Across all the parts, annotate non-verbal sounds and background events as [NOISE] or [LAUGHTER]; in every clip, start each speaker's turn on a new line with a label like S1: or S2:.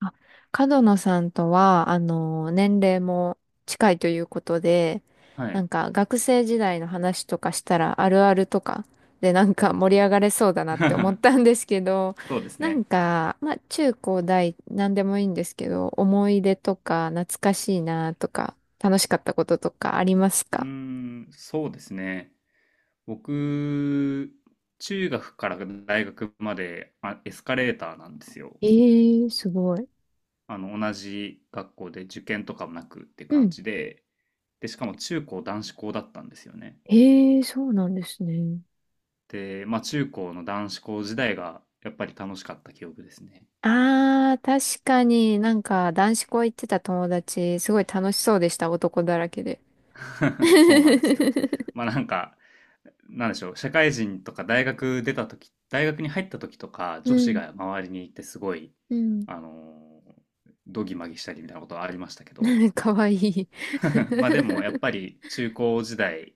S1: あ、角野さんとは、年齢も近いということで、
S2: は
S1: な
S2: い。
S1: んか学生時代の話とかしたらあるあるとかでなんか盛り上がれそうだなって思っ
S2: [LAUGHS]
S1: たんですけど、
S2: そうです
S1: なん
S2: ね。
S1: か、まあ中高大何でもいいんですけど、思い出とか懐かしいなとか、楽しかったこととかあります
S2: うー
S1: か？
S2: ん、そうですね。僕、中学から大学まで、まあ、エスカレーターなんですよ。
S1: ええー、すごい。
S2: 同じ学校で受験とかもなくって
S1: う
S2: 感
S1: ん。
S2: じで、で、しかも中高男子校だったんですよね。
S1: ええー、そうなんですね。
S2: で、まあ中高の男子校時代がやっぱり楽しかった記憶ですね。
S1: ああ、確かになんか男子校行ってた友達、すごい楽しそうでした、男だらけで。
S2: [LAUGHS] そうなんですよ。
S1: [LAUGHS]
S2: まあなんか、なんでしょう、社会人とか大学出た時、大学に入った時とか、
S1: う
S2: 女子
S1: ん、
S2: が周りにいてすごい、
S1: うん。
S2: あのー、どぎまぎしたりみたいなことはありましたけど、
S1: [LAUGHS] かわいい。
S2: [LAUGHS] まあでもやっぱり中高時代、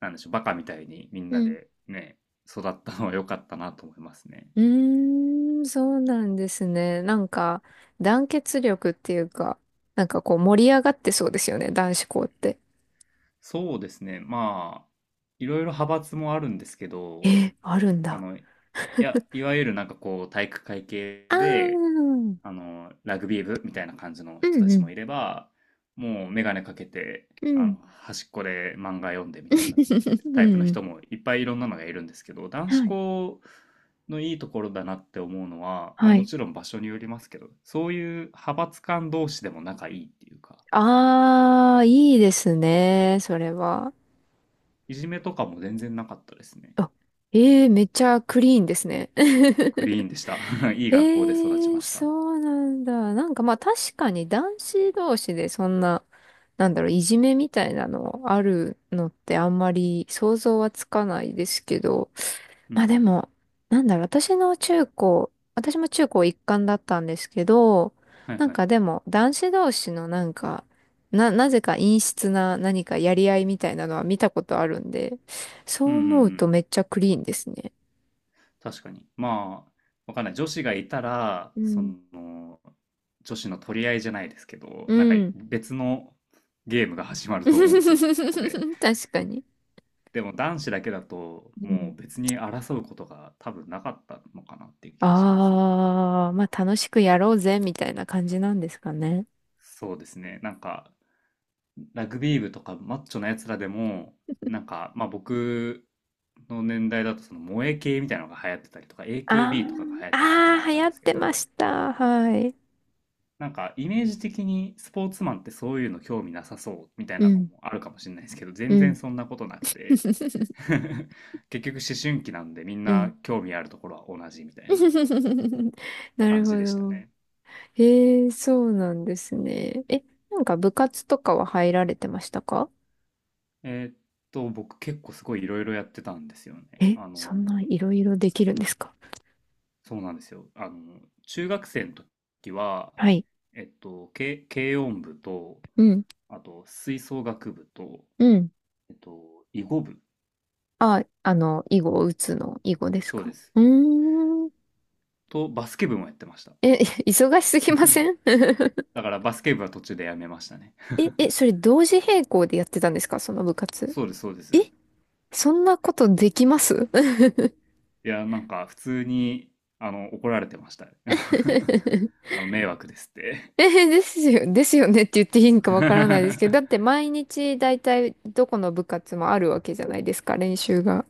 S2: なんでしょう、バカみたいにみん
S1: う
S2: な
S1: ん。
S2: でね、育ったのは良かったなと思いますね。
S1: [LAUGHS] うーん、そうなんですね。なんか、団結力っていうか、なんかこう盛り上がってそうですよね、男子校って。
S2: そうですね、まあ、いろいろ派閥もあるんですけど、
S1: え、あるんだ。
S2: いや、いわゆるなんかこう、体育会系
S1: ああ、
S2: で、
S1: うん
S2: ラグビー部みたいな感じの
S1: う
S2: 人たちも
S1: ん、
S2: いれば、もう眼鏡かけて、
S1: うん。
S2: 端っこで漫画読んでみたいな
S1: [LAUGHS] う
S2: タイプの
S1: ん。
S2: 人もいっぱいいろんなのがいるんですけど、
S1: [LAUGHS]
S2: 男子
S1: はい。
S2: 校のいいところだなって思うのは、まあ
S1: は
S2: も
S1: い。
S2: ちろん場所によりますけど、そういう派閥間同士でも仲いいっていうか、
S1: ああ、いいですね、それは。
S2: いじめとかも全然なかったですね。
S1: あ、ええ、めっちゃクリーンですね。
S2: クリー
S1: [LAUGHS]
S2: ンでした。[LAUGHS] いい学校で育ち
S1: え
S2: ま
S1: え、
S2: した。
S1: そうなんだ。なんかまあ確かに男子同士でそんな、なんだろう、いじめみたいなのあるのってあんまり想像はつかないですけど、
S2: うんう
S1: まあで
S2: ん。
S1: も、なんだろう、私の中高、私も中高一貫だったんですけど、
S2: はい
S1: なん
S2: はい。
S1: かでも男子同士のなんか、なぜか陰湿な何かやり合いみたいなのは見たことあるんで、そ
S2: うんう
S1: う
S2: んう
S1: 思うと
S2: ん。
S1: めっちゃクリーンですね。
S2: 確かに。まあ、わかんない。女子がいたら、
S1: う
S2: そ
S1: ん。
S2: の、女子の取り合いじゃないですけど、
S1: う
S2: なんか
S1: ん。
S2: 別のゲームが始まると思うんですよ、そこで。
S1: [LAUGHS] 確かに。
S2: でも男子だけだと、
S1: う
S2: もう
S1: ん。
S2: 別に争うことが多分なかったのかなっていう気がしますね。
S1: ああ、まあ楽しくやろうぜ、みたいな感じなんですかね。
S2: そうですね。なんか、ラグビー部とかマッチョなやつらでも、なん
S1: [LAUGHS]
S2: か、まあ僕の年代だと、その萌え系みたいなのが流行ってたりとか、
S1: あ
S2: AKB とかが流行
S1: あ、
S2: ったりとかだ
S1: ああ、
S2: っ
S1: 流
S2: たん
S1: 行っ
S2: ですけ
S1: てま
S2: ど、
S1: した。はい。
S2: なんかイメージ的にスポーツマンってそういうの興味なさそうみたい
S1: う
S2: なの
S1: ん。
S2: もあるかもしれないですけど、
S1: う
S2: 全然
S1: ん。
S2: そんなことなくて
S1: [LAUGHS]
S2: [LAUGHS] 結局思春期なんでみん
S1: う
S2: な
S1: ん。
S2: 興味あるところは同じみたいな
S1: [LAUGHS] な
S2: 感
S1: るほ
S2: じでした
S1: ど。
S2: ね。
S1: へえ、そうなんですね。え、なんか部活とかは入られてましたか？
S2: えーっ僕結構すごいいろいろやってたんですよね。
S1: え、そんな
S2: ー、
S1: いろいろできるんですか？
S2: そうなんですよ。中学生の時は、
S1: はい。
S2: 軽音部と、
S1: うん。
S2: あと吹奏楽部と、
S1: うん。
S2: 囲碁部、
S1: あ、囲碁を打つの、囲碁です
S2: そうで
S1: か？
S2: す。
S1: うーん。
S2: と、バスケ部もやってました。
S1: え、[LAUGHS] 忙しすぎません？
S2: [LAUGHS]
S1: [LAUGHS]
S2: だからバスケ部は途中でやめましたね。
S1: え、
S2: [LAUGHS]
S1: それ同時並行でやってたんですか、その部活。
S2: そうです、そうです。
S1: そんなことできます？ [LAUGHS]
S2: いや、なんか普通に、怒られてました。[LAUGHS] 迷惑ですって。
S1: ですよ、ですよねって言っていいのかわからないですけど、だっ
S2: [LAUGHS]
S1: て毎日大体どこの部活もあるわけじゃないですか、練習が。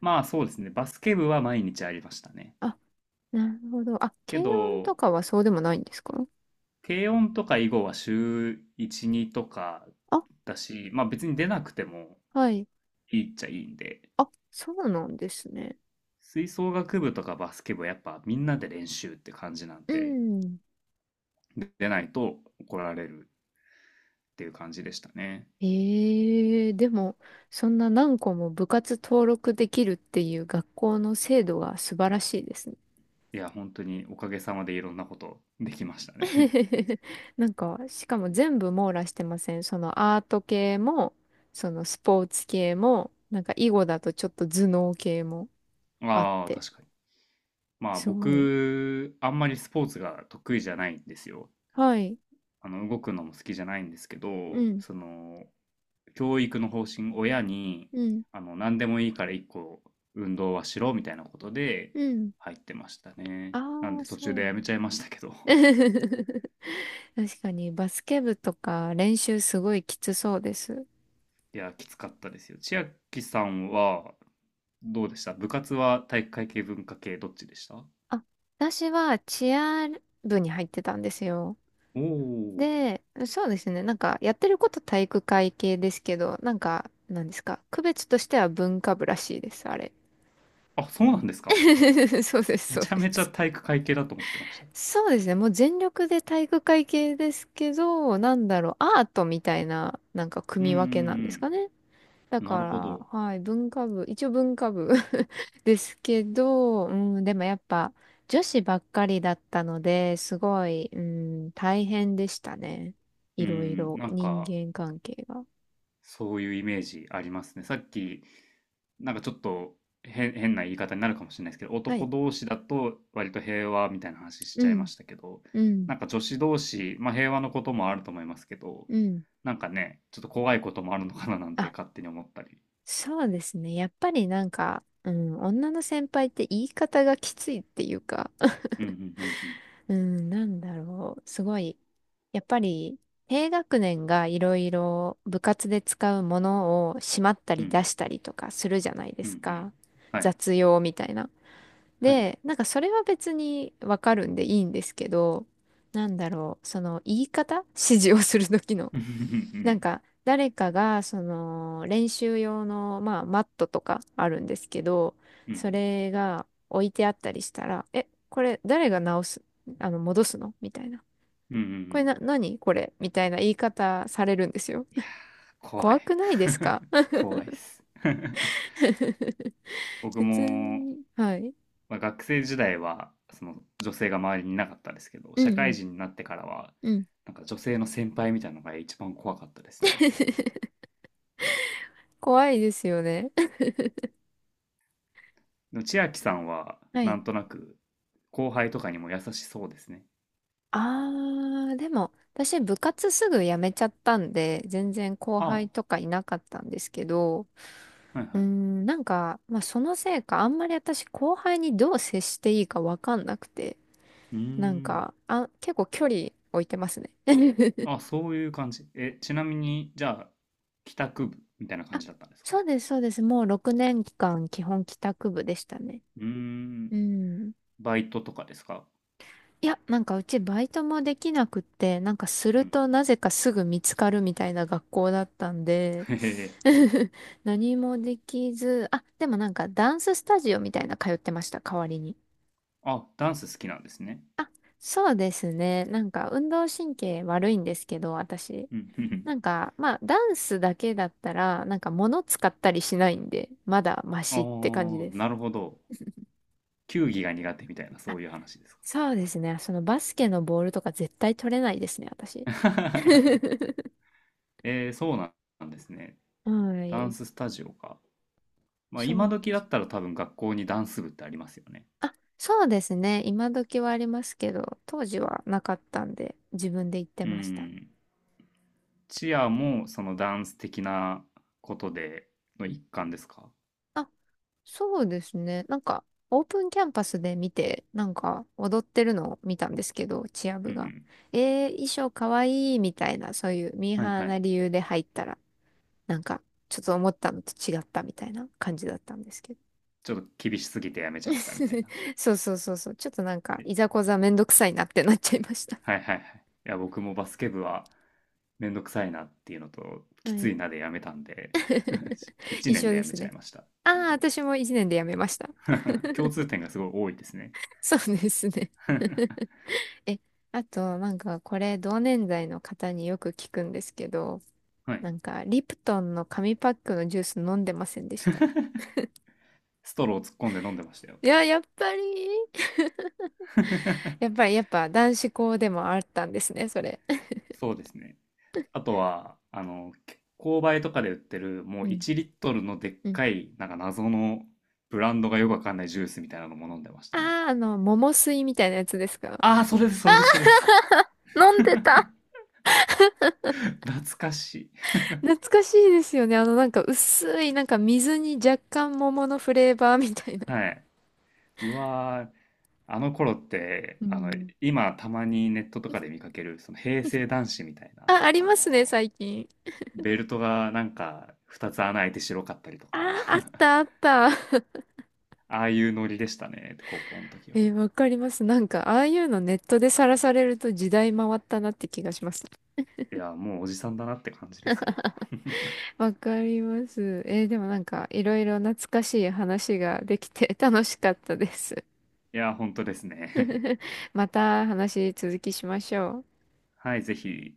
S2: まあそうですね、バスケ部は毎日ありましたね。
S1: あ、なるほど。あ、
S2: け
S1: 軽音と
S2: ど、
S1: かはそうでもないんですか？
S2: 軽音とか囲碁は週1、2とか
S1: あ、
S2: だし、まあ別に出なくても
S1: はい。
S2: いいっちゃいいんで、
S1: あ、そうなんですね。
S2: 吹奏楽部とかバスケ部はやっぱみんなで練習って感じなん
S1: う
S2: で、
S1: ん。
S2: 出ないと怒られるっていう感じでしたね。
S1: ええ、でも、そんな何個も部活登録できるっていう学校の制度が素晴らしいですね。
S2: いや、本当におかげさまでいろんなことできましたね。
S1: [LAUGHS] なんか、しかも全部網羅してません？そのアート系も、そのスポーツ系も、なんか囲碁だとちょっと頭脳系も
S2: [LAUGHS]
S1: あっ
S2: ああ、
S1: て、
S2: 確かに。まあ
S1: すごい。
S2: 僕、あんまりスポーツが得意じゃないんですよ。
S1: はい。
S2: 動くのも好きじゃないんですけ
S1: う
S2: ど、
S1: ん、
S2: 教育の方針、親に、
S1: うん、
S2: 何でもいいから一個運動はしろみたいなことで
S1: うん。
S2: 入ってましたね。
S1: あ
S2: なん
S1: あ、
S2: で途中
S1: そう
S2: でやめちゃいましたけど。
S1: なん。
S2: [LAUGHS]
S1: [LAUGHS] 確かにバスケ部とか練習すごいきつそうです。
S2: いや、きつかったですよ。千秋さんはどうでした？部活は体育会系、文化系、どっちでした？
S1: あ、私はチア部に入ってたんですよ。
S2: おおー。
S1: で、そうですね。なんか、やってること体育会系ですけど、なんか、なんですか。区別としては文化部らしいです、あれ。
S2: あ、そうなんですか。
S1: [LAUGHS] そうです、
S2: め
S1: そう
S2: ちゃ
S1: で
S2: めちゃ
S1: す。
S2: 体育会系だと思ってました。
S1: そうですね。もう全力で体育会系ですけど、なんだろう、アートみたいな、なんか
S2: うん
S1: 組
S2: う
S1: み分けなんです
S2: ん
S1: かね。だ
S2: うん。なるほ
S1: から、
S2: ど。
S1: はい、文化部、一応文化部 [LAUGHS] ですけど、うん、でもやっぱ女子ばっかりだったので、すごい、うん、大変でしたね。
S2: う
S1: いろい
S2: ん、
S1: ろ、
S2: なん
S1: 人
S2: か、
S1: 間関係が。
S2: そういうイメージありますね。さっき、なんかちょっと変な言い方になるかもしれないですけど、
S1: は
S2: 男
S1: い。
S2: 同士だと割と平和みたいな話し
S1: う
S2: ちゃいま
S1: ん、
S2: したけど、
S1: うん、
S2: なんか女子同士、まあ平和のこともあると思いますけど、
S1: うん。
S2: なんかね、ちょっと怖いこともあるのかななんて
S1: あ、
S2: 勝手に思ったり。
S1: そうですね。やっぱりなんか、うん、女の先輩って言い方がきついっていうか、
S2: うんうんうんうん。
S1: うん、なんだろう。すごい。やっぱり、低学年がいろいろ部活で使うものをしまった
S2: う
S1: り出
S2: ん
S1: したりとかするじゃないで
S2: う
S1: す
S2: んうん。
S1: か。
S2: はい。
S1: 雑用みたいな。
S2: はい。
S1: で、なんかそれは別にわかるんでいいんですけど、なんだろう。その言い方、指示をする時の、
S2: うんうんうんう
S1: なん
S2: ん。
S1: か、誰かが、練習用の、まあ、マットとかあるんですけど、
S2: うんう
S1: そ
S2: ん
S1: れが置いてあったりしたら、え、これ誰が直す、戻すのみたいな。
S2: うんうんう
S1: これ
S2: ん。
S1: な、何これみたいな言い方されるんですよ。
S2: いやー、怖い。
S1: 怖くないですか？
S2: [LAUGHS] 怖いです。[LAUGHS]
S1: [LAUGHS]
S2: 僕
S1: 普通
S2: も、
S1: に。はい。
S2: まあ、学生時代はその女性が周りにいなかったですけど、
S1: う
S2: 社
S1: んう
S2: 会
S1: ん。
S2: 人になってからは、
S1: うん。
S2: なんか女性の先輩みたいなのが一番怖かったですね。
S1: 怖いですよね。[LAUGHS]
S2: でも千秋さんは、
S1: は
S2: な
S1: い。
S2: んとなく、後輩とかにも優しそうですね。
S1: あー、でも、私部活すぐ辞めちゃったんで、全然後
S2: ああ、
S1: 輩
S2: は
S1: とかいなかったんですけど、
S2: いはい。
S1: うーん、なんか、まあ、そのせいか、あんまり私後輩にどう接していいかわかんなくて、
S2: うー
S1: なん
S2: ん。
S1: か、あ、結構距離置いてますね。
S2: あ、
S1: [LAUGHS]
S2: そういう感じ。え、ちなみに、じゃあ、帰宅部みたいな感
S1: あ、
S2: じだったんですか？
S1: そうです、そうです。もう6年間基本帰宅部でしたね。
S2: うーん。
S1: うん。
S2: バイトとかですか？
S1: いや、なんかうちバイトもできなくって、なんかす
S2: う
S1: る
S2: ん。
S1: となぜかすぐ見つかるみたいな学校だったんで、
S2: へへ
S1: [LAUGHS] 何もできず、あ、でもなんかダンススタジオみたいな通ってました、代わりに。
S2: あ、ダンス好きなんですね。
S1: あ、そうですね。なんか運動神経悪いんですけど、私。
S2: うん、うんうん。
S1: なんか、まあ、ダンスだけだったら、なんか物使ったりしないんで、まだマ
S2: ああ、
S1: シって感じです。
S2: なるほど。球技が苦手みたいな、そういう話ですか？
S1: そうですね。そのバスケのボールとか絶対取れないですね、私。
S2: [LAUGHS]
S1: [LAUGHS]
S2: えー、そうなんですね。
S1: は
S2: ダン
S1: い。
S2: ススタジオか。まあ、
S1: そ
S2: 今
S1: う。
S2: 時だったら多分学校にダンス部ってありますよね。
S1: あ、そうですね。今時はありますけど、当時はなかったんで、自分で言って
S2: う
S1: ました。
S2: ん。チアもそのダンス的なことでの一環ですか？
S1: あ、そうですね。なんか、オープンキャンパスで見て、なんか、踊ってるのを見たんですけど、チア
S2: う
S1: 部が。
S2: ん。
S1: 衣装かわいいみたいな、そういうミー
S2: はい
S1: ハー
S2: は
S1: な
S2: い。
S1: 理由で入ったら、なんか、ちょっと思ったのと違ったみたいな感じだったんですけど。
S2: ちょっと厳しすぎてやめちゃったみたい
S1: [LAUGHS]
S2: な。
S1: そうそうそうそう。ちょっとなんか、
S2: え、
S1: いざこざめんどくさいなってなっちゃいました。
S2: はいはいはい。いや、僕もバスケ部はめんどくさいなっていうのと、き
S1: は
S2: つ
S1: い。
S2: いなでやめたんで、[LAUGHS]
S1: [LAUGHS]
S2: 1
S1: 一
S2: 年
S1: 緒
S2: で
S1: で
S2: やめ
S1: す
S2: ちゃい
S1: ね。
S2: ました。
S1: あ
S2: う
S1: あ、
S2: ん
S1: 私も一年で辞めました。
S2: [LAUGHS] 共通点がすごい多いですね。
S1: そうですね。
S2: [LAUGHS]
S1: [LAUGHS] え、あと、なんか、これ、同年代の方によく聞くんですけど、
S2: はい。
S1: なんか、リプトンの紙パックのジュース飲んでませんでした？
S2: ストロー突っ込んで飲んでましたよ。
S1: いや、やっぱり [LAUGHS] やっ
S2: [LAUGHS]
S1: ぱり、やっぱ、男子校でもあったんですね、それ。
S2: そうですね。あとは、購買とかで売ってる、も
S1: う
S2: う
S1: ん。
S2: 1リットルのでっ
S1: うん。
S2: かい、なんか謎のブランドがよくわかんないジュースみたいなのも飲んでましたね。
S1: あー、あの、桃水みたいなやつですか？
S2: ああ、それです、それです、それです。
S1: [LAUGHS] 飲んで
S2: [LAUGHS]
S1: た。
S2: 懐かしい。
S1: 懐かしいですよね。なんか、薄い、なんか、水に若干桃のフレーバーみたいな。
S2: はい。うわー、あの頃って、
S1: うん。
S2: 今たまにネットとかで見かける、その平成男子みたいな、
S1: あ、ありますね、最近。
S2: ベルトがなんか2つ穴開いて白かったりと
S1: あ
S2: か、
S1: ー、あっ
S2: [LAUGHS]
S1: た、あった。
S2: ああいうノリでしたね、高校の時は。
S1: えー、わかります。なんか、ああいうのネットでさらされると時代回ったなって気がします。
S2: いや、もうおじさんだなって感じですよ。
S1: わかります。えー、でもなんか、いろいろ懐かしい話ができて楽しかったです。
S2: いや、本当ですね。
S1: [LAUGHS] また話続きしましょう。
S2: [LAUGHS] はい、ぜひ。